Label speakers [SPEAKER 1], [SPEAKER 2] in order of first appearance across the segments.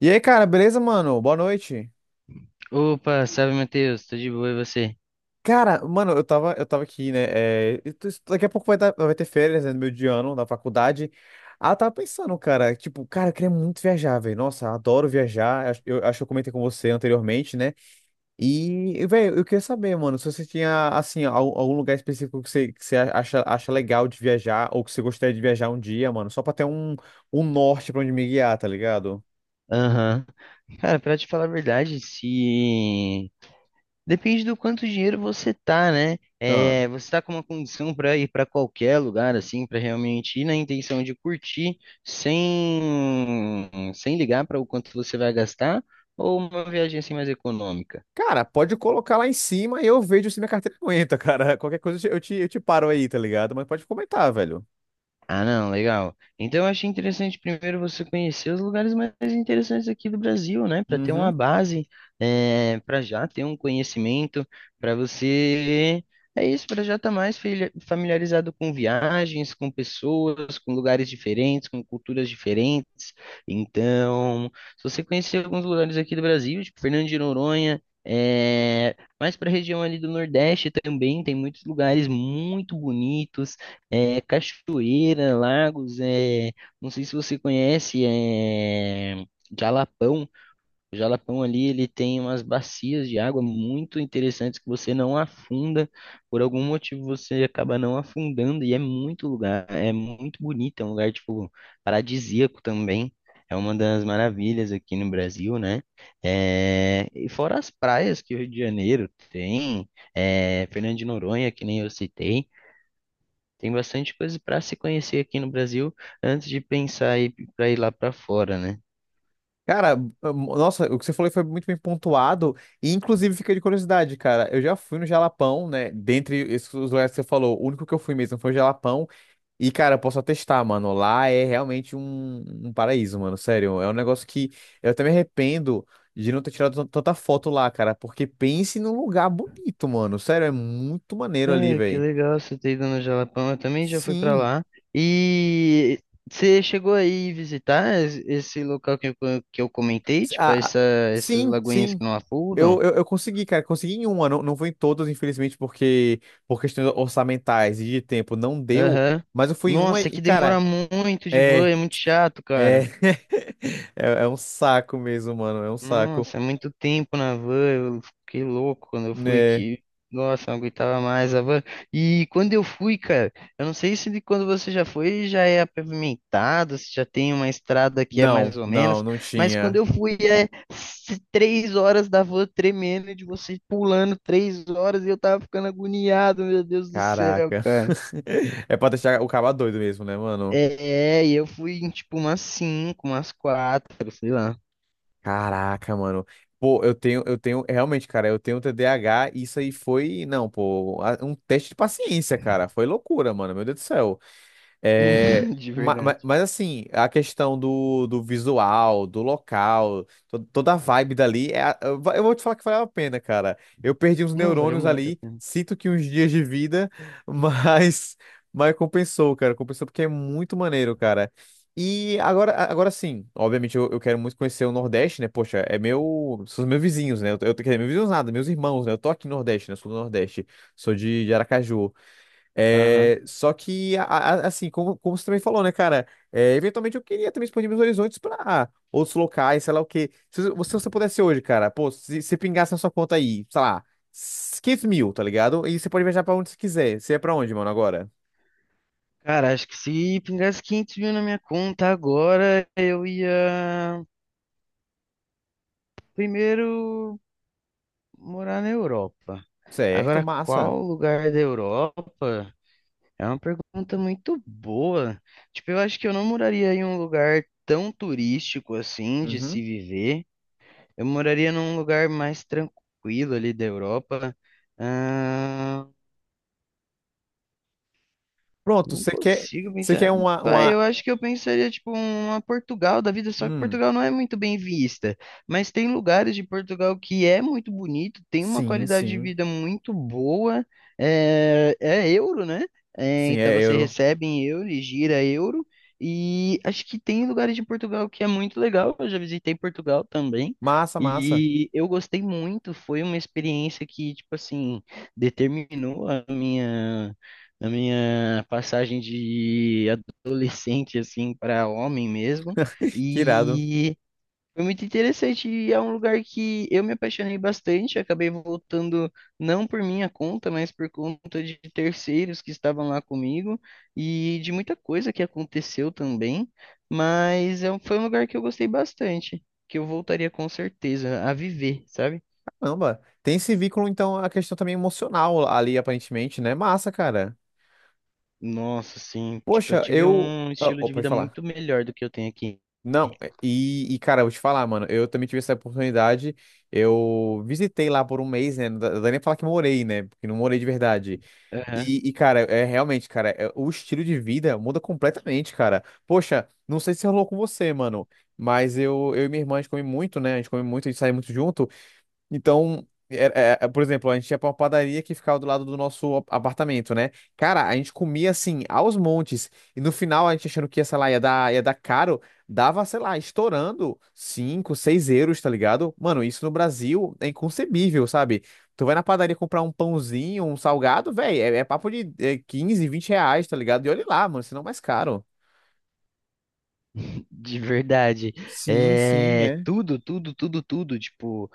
[SPEAKER 1] E aí, cara, beleza, mano? Boa noite.
[SPEAKER 2] Opa, salve Matheus, tô de boa e você?
[SPEAKER 1] Cara, mano, eu tava aqui, né? Daqui a pouco vai, vai ter férias, né, no meu de ano, da faculdade. Ah, eu tava pensando, cara, tipo, cara, eu queria muito viajar, velho. Nossa, adoro viajar. Eu acho que eu comentei com você anteriormente, né? E, velho, eu queria saber, mano, se você tinha, assim, algum lugar específico que você acha legal de viajar ou que você gostaria de viajar um dia, mano, só pra ter um, um norte pra onde me guiar, tá ligado?
[SPEAKER 2] Aham. Cara, pra te falar a verdade, se. Depende do quanto dinheiro você tá, né?
[SPEAKER 1] Ah.
[SPEAKER 2] É, você tá com uma condição pra ir pra qualquer lugar, assim, pra realmente ir na intenção de curtir, sem ligar pra o quanto você vai gastar, ou uma viagem assim mais econômica?
[SPEAKER 1] Cara, pode colocar lá em cima e eu vejo se minha carteira aguenta, cara. Qualquer coisa eu te paro aí, tá ligado? Mas pode comentar, velho.
[SPEAKER 2] Ah, não, legal. Então eu achei interessante primeiro você conhecer os lugares mais interessantes aqui do Brasil, né? Para ter uma
[SPEAKER 1] Uhum.
[SPEAKER 2] base, para já ter um conhecimento, para você. É isso, para já estar mais familiarizado com viagens, com pessoas, com lugares diferentes, com culturas diferentes. Então, se você conhecer alguns lugares aqui do Brasil, tipo Fernando de Noronha, mais para a região ali do Nordeste também, tem muitos lugares muito bonitos, é, cachoeira, lagos, não sei se você conhece, Jalapão. O Jalapão ali, ele tem umas bacias de água muito interessantes que você não afunda. Por algum motivo você acaba não afundando e é muito lugar, é muito bonito, é um lugar tipo paradisíaco também. É uma das maravilhas aqui no Brasil, né? É, e fora as praias que o Rio de Janeiro tem, é, Fernando de Noronha, que nem eu citei. Tem bastante coisa para se conhecer aqui no Brasil antes de pensar ir para ir lá para fora, né?
[SPEAKER 1] Cara, nossa, o que você falou foi muito bem pontuado e inclusive fica de curiosidade, cara. Eu já fui no Jalapão, né? Dentre esses lugares que você falou, o único que eu fui mesmo foi o Jalapão e, cara, eu posso atestar, mano, lá é realmente um, um paraíso, mano, sério. É um negócio que eu até me arrependo de não ter tirado tanta foto lá, cara, porque pense num lugar bonito, mano. Sério, é muito maneiro ali,
[SPEAKER 2] Cara, que
[SPEAKER 1] velho.
[SPEAKER 2] legal você ter ido no Jalapão. Eu também já fui para
[SPEAKER 1] Sim,
[SPEAKER 2] lá. E você chegou aí visitar esse local que eu, que eu comentei, tipo
[SPEAKER 1] ah,
[SPEAKER 2] essa, essas
[SPEAKER 1] sim,
[SPEAKER 2] lagoinhas
[SPEAKER 1] sim.
[SPEAKER 2] que não
[SPEAKER 1] Eu,
[SPEAKER 2] afundam?
[SPEAKER 1] eu, eu consegui, cara. Consegui em uma, não, não foi em todas, infelizmente, porque por questões orçamentais e de tempo não deu.
[SPEAKER 2] Aham.
[SPEAKER 1] Mas eu fui em uma
[SPEAKER 2] Nossa, é
[SPEAKER 1] e,
[SPEAKER 2] que demora
[SPEAKER 1] cara,
[SPEAKER 2] muito de van,
[SPEAKER 1] é,
[SPEAKER 2] é muito chato,
[SPEAKER 1] é,
[SPEAKER 2] cara.
[SPEAKER 1] é um saco mesmo, mano. É um saco.
[SPEAKER 2] Nossa, é muito tempo na van, eu fiquei louco quando eu fui
[SPEAKER 1] Né?
[SPEAKER 2] que, nossa, não aguentava mais a van. E quando eu fui, cara, eu não sei se de quando você já foi já é pavimentado, se já tem uma estrada que é mais
[SPEAKER 1] Não,
[SPEAKER 2] ou
[SPEAKER 1] não,
[SPEAKER 2] menos,
[SPEAKER 1] não
[SPEAKER 2] mas quando
[SPEAKER 1] tinha.
[SPEAKER 2] eu fui é 3 horas da van tremendo e de você pulando 3 horas e eu tava ficando agoniado, meu Deus do céu,
[SPEAKER 1] Caraca.
[SPEAKER 2] cara.
[SPEAKER 1] É pra deixar o cara doido mesmo, né, mano?
[SPEAKER 2] É, e eu fui em tipo umas cinco, umas quatro, sei lá,
[SPEAKER 1] Caraca, mano. Pô, é, realmente, cara, eu tenho TDAH e isso aí foi, não, pô, um teste de paciência, cara. Foi loucura, mano. Meu Deus do céu. É,
[SPEAKER 2] de verdade.
[SPEAKER 1] mas, assim, a questão do, do visual, do local, toda a vibe dali, é, eu vou te falar que valeu a pena, cara. Eu perdi uns
[SPEAKER 2] Não, valeu
[SPEAKER 1] neurônios
[SPEAKER 2] muito a
[SPEAKER 1] ali,
[SPEAKER 2] pena.
[SPEAKER 1] sinto que uns dias de vida, mas, mas compensou, cara. Compensou porque é muito maneiro, cara. E agora, agora sim, obviamente eu quero muito conhecer o Nordeste, né? Poxa, é meu, são os meus vizinhos, né? Quer dizer, meus vizinhos nada, meus irmãos, né? Eu tô aqui no Nordeste, né? Eu sou do Nordeste, sou de Aracaju. É, só que, assim, como, como você também falou, né, cara? Eventualmente eu queria também expandir meus horizontes pra outros locais, sei lá o quê. Se você, se você pudesse hoje, cara, pô, se você pingasse na sua conta aí, sei lá, 500 mil, tá ligado? E você pode viajar pra onde você quiser. Você é pra onde, mano, agora?
[SPEAKER 2] Cara, acho que se pingasse 500 mil na minha conta agora, eu ia primeiro morar na Europa.
[SPEAKER 1] Certo,
[SPEAKER 2] Agora,
[SPEAKER 1] massa.
[SPEAKER 2] qual lugar da Europa? É uma pergunta muito boa. Tipo, eu acho que eu não moraria em um lugar tão turístico assim de
[SPEAKER 1] Uhum.
[SPEAKER 2] se viver. Eu moraria num lugar mais tranquilo ali da Europa.
[SPEAKER 1] Pronto,
[SPEAKER 2] Não consigo
[SPEAKER 1] você quer
[SPEAKER 2] pensar.
[SPEAKER 1] uma,
[SPEAKER 2] Vai, eu
[SPEAKER 1] uma.
[SPEAKER 2] acho que eu pensaria, tipo, uma Portugal da vida, só que
[SPEAKER 1] Hum,
[SPEAKER 2] Portugal não é muito bem vista. Mas tem lugares de Portugal que é muito bonito, tem uma
[SPEAKER 1] sim,
[SPEAKER 2] qualidade de
[SPEAKER 1] sim.
[SPEAKER 2] vida muito boa. É, é euro, né? É,
[SPEAKER 1] Sim,
[SPEAKER 2] então
[SPEAKER 1] é
[SPEAKER 2] você
[SPEAKER 1] euro.
[SPEAKER 2] recebe em euro e gira euro. E acho que tem lugares de Portugal que é muito legal. Eu já visitei Portugal também.
[SPEAKER 1] Massa, massa.
[SPEAKER 2] E eu gostei muito. Foi uma experiência que, tipo assim, determinou a minha na minha passagem de adolescente assim para homem mesmo
[SPEAKER 1] Que irado.
[SPEAKER 2] e foi muito interessante e é um lugar que eu me apaixonei bastante, acabei voltando não por minha conta, mas por conta de terceiros que estavam lá comigo e de muita coisa que aconteceu também, mas foi um lugar que eu gostei bastante, que eu voltaria com certeza a viver, sabe?
[SPEAKER 1] Caramba. Tem esse vínculo, então, a questão também emocional ali, aparentemente, né? Massa, cara.
[SPEAKER 2] Nossa, sim, tipo, eu
[SPEAKER 1] Poxa,
[SPEAKER 2] tive
[SPEAKER 1] eu.
[SPEAKER 2] um
[SPEAKER 1] Ah,
[SPEAKER 2] estilo
[SPEAKER 1] oh,
[SPEAKER 2] de
[SPEAKER 1] pode
[SPEAKER 2] vida
[SPEAKER 1] falar.
[SPEAKER 2] muito melhor do que eu tenho aqui.
[SPEAKER 1] Não, cara, eu vou te falar, mano, eu também tive essa oportunidade. Eu visitei lá por um mês, né? Não dá nem pra falar que morei, né? Porque não morei de verdade. Cara, é realmente, cara, o estilo de vida muda completamente, cara. Poxa, não sei se rolou com você, mano, mas eu e minha irmã, a gente come muito, né? A gente come muito, a gente sai muito junto. Então, é, por exemplo, a gente ia pra uma padaria que ficava do lado do nosso apartamento, né? Cara, a gente comia assim, aos montes. E no final, a gente achando que ia, sei lá, ia dar caro, dava, sei lá, estourando 5, 6 euros, tá ligado? Mano, isso no Brasil é inconcebível, sabe? Tu vai na padaria comprar um pãozinho, um salgado, velho, é papo de 15, R$ 20, tá ligado? E olha lá, mano, senão é mais caro.
[SPEAKER 2] De verdade.
[SPEAKER 1] Sim, sim,
[SPEAKER 2] É,
[SPEAKER 1] é.
[SPEAKER 2] tudo, tudo, tudo, tudo. Tipo,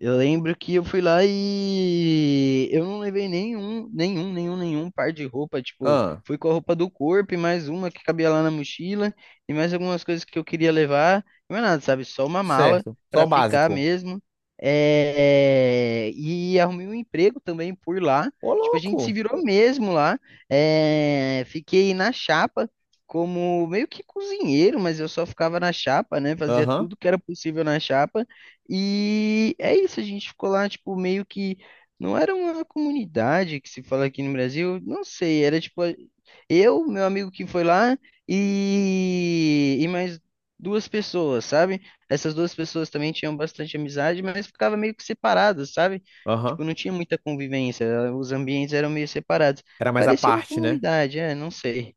[SPEAKER 2] eu lembro que eu fui lá e eu não levei nenhum par de roupa. Tipo,
[SPEAKER 1] Ah,
[SPEAKER 2] fui com a roupa do corpo e mais uma que cabia lá na mochila e mais algumas coisas que eu queria levar. Não é nada, sabe? Só uma mala
[SPEAKER 1] certo. Só o
[SPEAKER 2] pra ficar
[SPEAKER 1] básico.
[SPEAKER 2] mesmo. É, e arrumei um emprego também por lá.
[SPEAKER 1] Ô,
[SPEAKER 2] Tipo, a gente se
[SPEAKER 1] louco.
[SPEAKER 2] virou mesmo lá. É, fiquei na chapa. Como meio que cozinheiro, mas eu só ficava na chapa, né? Fazia
[SPEAKER 1] Aham,
[SPEAKER 2] tudo que era possível na chapa. E é isso, a gente ficou lá, tipo, meio que. Não era uma comunidade que se fala aqui no Brasil, não sei, era tipo eu, meu amigo que foi lá e mais duas pessoas, sabe? Essas duas pessoas também tinham bastante amizade, mas ficava meio que separadas, sabe?
[SPEAKER 1] aham.
[SPEAKER 2] Tipo, não tinha muita convivência, os ambientes eram meio separados.
[SPEAKER 1] Era mais à
[SPEAKER 2] Parecia uma
[SPEAKER 1] parte, né?
[SPEAKER 2] comunidade, é, não sei.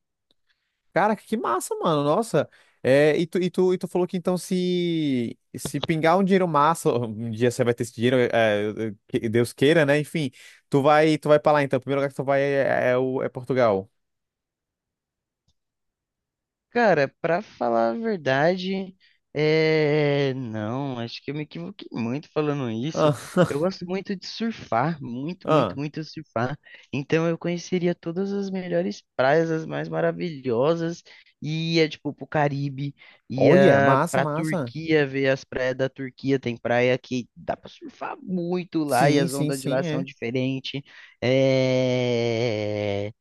[SPEAKER 1] Cara, que massa, mano. Nossa. É, e tu falou que então se pingar um dinheiro massa, um dia você vai ter esse dinheiro, que Deus queira, né? Enfim, tu vai pra lá então. O primeiro lugar que tu vai é Portugal.
[SPEAKER 2] Cara, pra falar a verdade, não, acho que eu me equivoquei muito falando isso.
[SPEAKER 1] Ah,
[SPEAKER 2] Eu gosto muito de surfar, muito,
[SPEAKER 1] ah.
[SPEAKER 2] muito, muito surfar. Então eu conheceria todas as melhores praias, as mais maravilhosas, e ia tipo pro Caribe,
[SPEAKER 1] Olha,
[SPEAKER 2] ia
[SPEAKER 1] massa,
[SPEAKER 2] pra
[SPEAKER 1] massa.
[SPEAKER 2] Turquia, ver as praias da Turquia. Tem praia que dá pra surfar muito lá e
[SPEAKER 1] Sim,
[SPEAKER 2] as
[SPEAKER 1] sim,
[SPEAKER 2] ondas de lá
[SPEAKER 1] sim,
[SPEAKER 2] são
[SPEAKER 1] é.
[SPEAKER 2] diferentes. É,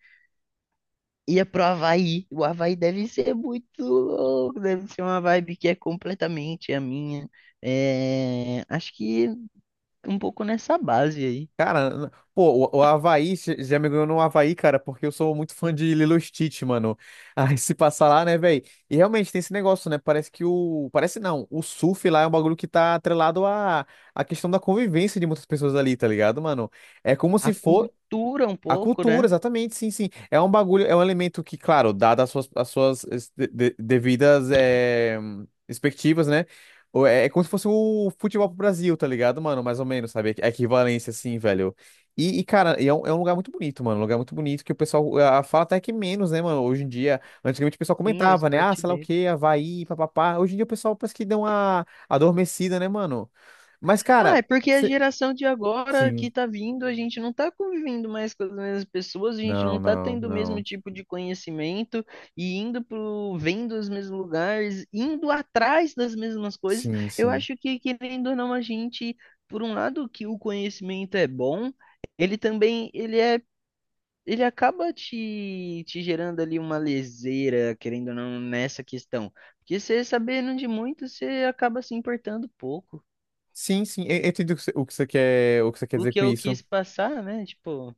[SPEAKER 2] ia pro Havaí. O Havaí deve ser muito louco, deve ser uma vibe que é completamente a minha. É, acho que um pouco nessa base aí.
[SPEAKER 1] Cara, pô, o Havaí já me ganhou no Havaí, cara, porque eu sou muito fã de Lilo e Stitch, mano. Aí se passar lá, né, velho? E realmente tem esse negócio, né? Parece que o. Parece não, o surf lá é um bagulho que tá atrelado à, à questão da convivência de muitas pessoas ali, tá ligado, mano? É como se
[SPEAKER 2] A
[SPEAKER 1] fosse.
[SPEAKER 2] cultura um
[SPEAKER 1] A
[SPEAKER 2] pouco,
[SPEAKER 1] cultura,
[SPEAKER 2] né?
[SPEAKER 1] exatamente, sim, sim. É um bagulho, é um elemento que, claro, dada as suas, devidas expectativas, né? É como se fosse o futebol pro Brasil, tá ligado, mano? Mais ou menos, sabe? A equivalência, assim, velho. Cara, e é um lugar muito bonito, mano. Um lugar muito bonito que o pessoal fala até que menos, né, mano? Hoje em dia, antigamente o pessoal
[SPEAKER 2] Sim, é o
[SPEAKER 1] comentava, né? Ah,
[SPEAKER 2] esporte
[SPEAKER 1] sei lá o
[SPEAKER 2] dele.
[SPEAKER 1] quê, Havaí, papapá. Hoje em dia o pessoal parece que deu uma adormecida, né, mano? Mas,
[SPEAKER 2] Ah,
[SPEAKER 1] cara,
[SPEAKER 2] é porque a
[SPEAKER 1] cê-
[SPEAKER 2] geração de agora que
[SPEAKER 1] sim.
[SPEAKER 2] tá vindo, a gente não tá convivendo mais com as mesmas pessoas, a gente
[SPEAKER 1] Não,
[SPEAKER 2] não tá
[SPEAKER 1] não,
[SPEAKER 2] tendo o mesmo
[SPEAKER 1] não.
[SPEAKER 2] tipo de conhecimento e indo pro, vendo os mesmos lugares, indo atrás das mesmas coisas.
[SPEAKER 1] Sim,
[SPEAKER 2] Eu
[SPEAKER 1] sim.
[SPEAKER 2] acho que, querendo ou não, a gente, por um lado, que o conhecimento é bom, ele também, ele é, ele acaba te, te gerando ali uma leseira, querendo ou não, nessa questão. Porque você sabendo de muito, você acaba se importando pouco.
[SPEAKER 1] Sim, sim, eu entendo o que você quer
[SPEAKER 2] O
[SPEAKER 1] dizer
[SPEAKER 2] que
[SPEAKER 1] com
[SPEAKER 2] eu
[SPEAKER 1] isso.
[SPEAKER 2] quis passar, né? Tipo,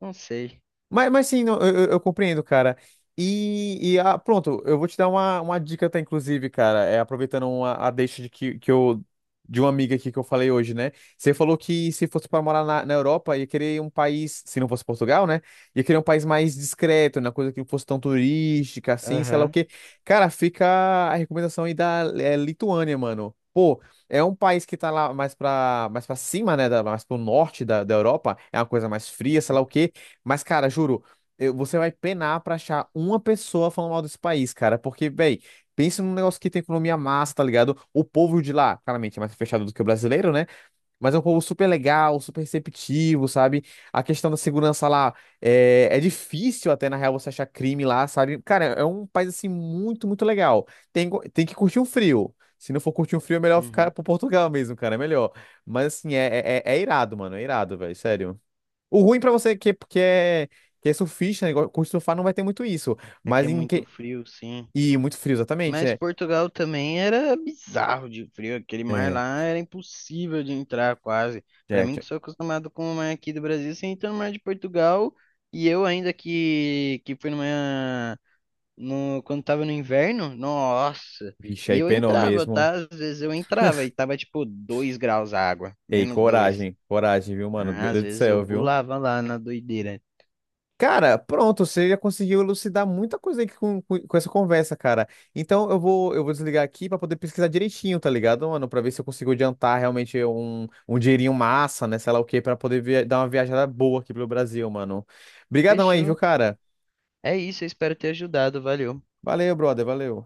[SPEAKER 2] não sei.
[SPEAKER 1] Mas sim, não, eu compreendo, cara. Pronto, eu vou te dar uma dica, tá, inclusive, cara, é, aproveitando a deixa de que eu, de uma amiga aqui que eu falei hoje, né? Você falou que se fosse para morar na, na Europa, ia querer um país, se não fosse Portugal, né? Ia querer um país mais discreto, né? Coisa que não fosse tão turística, assim, sei lá o
[SPEAKER 2] Aham.
[SPEAKER 1] quê. Cara, fica a recomendação aí da Lituânia, mano. Pô, é um país que tá lá mais pra cima, né? Mais pro norte da Europa. É uma coisa mais fria, sei lá o quê. Mas, cara, juro, você vai penar pra achar uma pessoa falando mal desse país, cara. Porque, véi, pensa num negócio que tem economia massa, tá ligado? O povo de lá, claramente, é mais fechado do que o brasileiro, né? Mas é um povo super legal, super receptivo, sabe? A questão da segurança lá é difícil até, na real, você achar crime lá, sabe? Cara, é um país, assim, muito, muito legal. Tem que curtir um frio. Se não for curtir um frio, é melhor ficar
[SPEAKER 2] Uhum.
[SPEAKER 1] pro Portugal mesmo, cara. É melhor. Mas, assim, é irado, mano. É irado, velho. Sério. O ruim pra você que é surfista, né, curte surfar, não vai ter muito isso.
[SPEAKER 2] É que
[SPEAKER 1] Mas
[SPEAKER 2] é
[SPEAKER 1] em
[SPEAKER 2] muito
[SPEAKER 1] que.
[SPEAKER 2] frio, sim.
[SPEAKER 1] E muito frio, exatamente.
[SPEAKER 2] Mas Portugal também era bizarro de frio. Aquele mar
[SPEAKER 1] É,
[SPEAKER 2] lá era impossível de entrar quase. Pra
[SPEAKER 1] é,
[SPEAKER 2] mim,
[SPEAKER 1] tch-
[SPEAKER 2] que sou acostumado com o mar aqui do Brasil, você entra no mar de Portugal. E eu ainda que fui numa. No, quando tava no inverno, nossa.
[SPEAKER 1] Vixe,
[SPEAKER 2] E
[SPEAKER 1] aí
[SPEAKER 2] eu
[SPEAKER 1] penou
[SPEAKER 2] entrava,
[SPEAKER 1] mesmo.
[SPEAKER 2] tá? Às vezes eu entrava e tava tipo 2 graus a água,
[SPEAKER 1] Ei,
[SPEAKER 2] -2.
[SPEAKER 1] coragem, coragem, viu, mano? Meu
[SPEAKER 2] Às
[SPEAKER 1] Deus do
[SPEAKER 2] vezes eu
[SPEAKER 1] céu, viu?
[SPEAKER 2] pulava lá na doideira.
[SPEAKER 1] Cara, pronto, você já conseguiu elucidar muita coisa aí com, com essa conversa, cara. Então eu vou desligar aqui pra poder pesquisar direitinho, tá ligado, mano? Pra ver se eu consigo adiantar realmente um, um dinheirinho massa, né? Sei lá o quê, pra poder dar uma viajada boa aqui pelo Brasil, mano. Obrigadão aí, viu,
[SPEAKER 2] Fechou.
[SPEAKER 1] cara?
[SPEAKER 2] É isso, eu espero ter ajudado. Valeu.
[SPEAKER 1] Valeu, brother, valeu.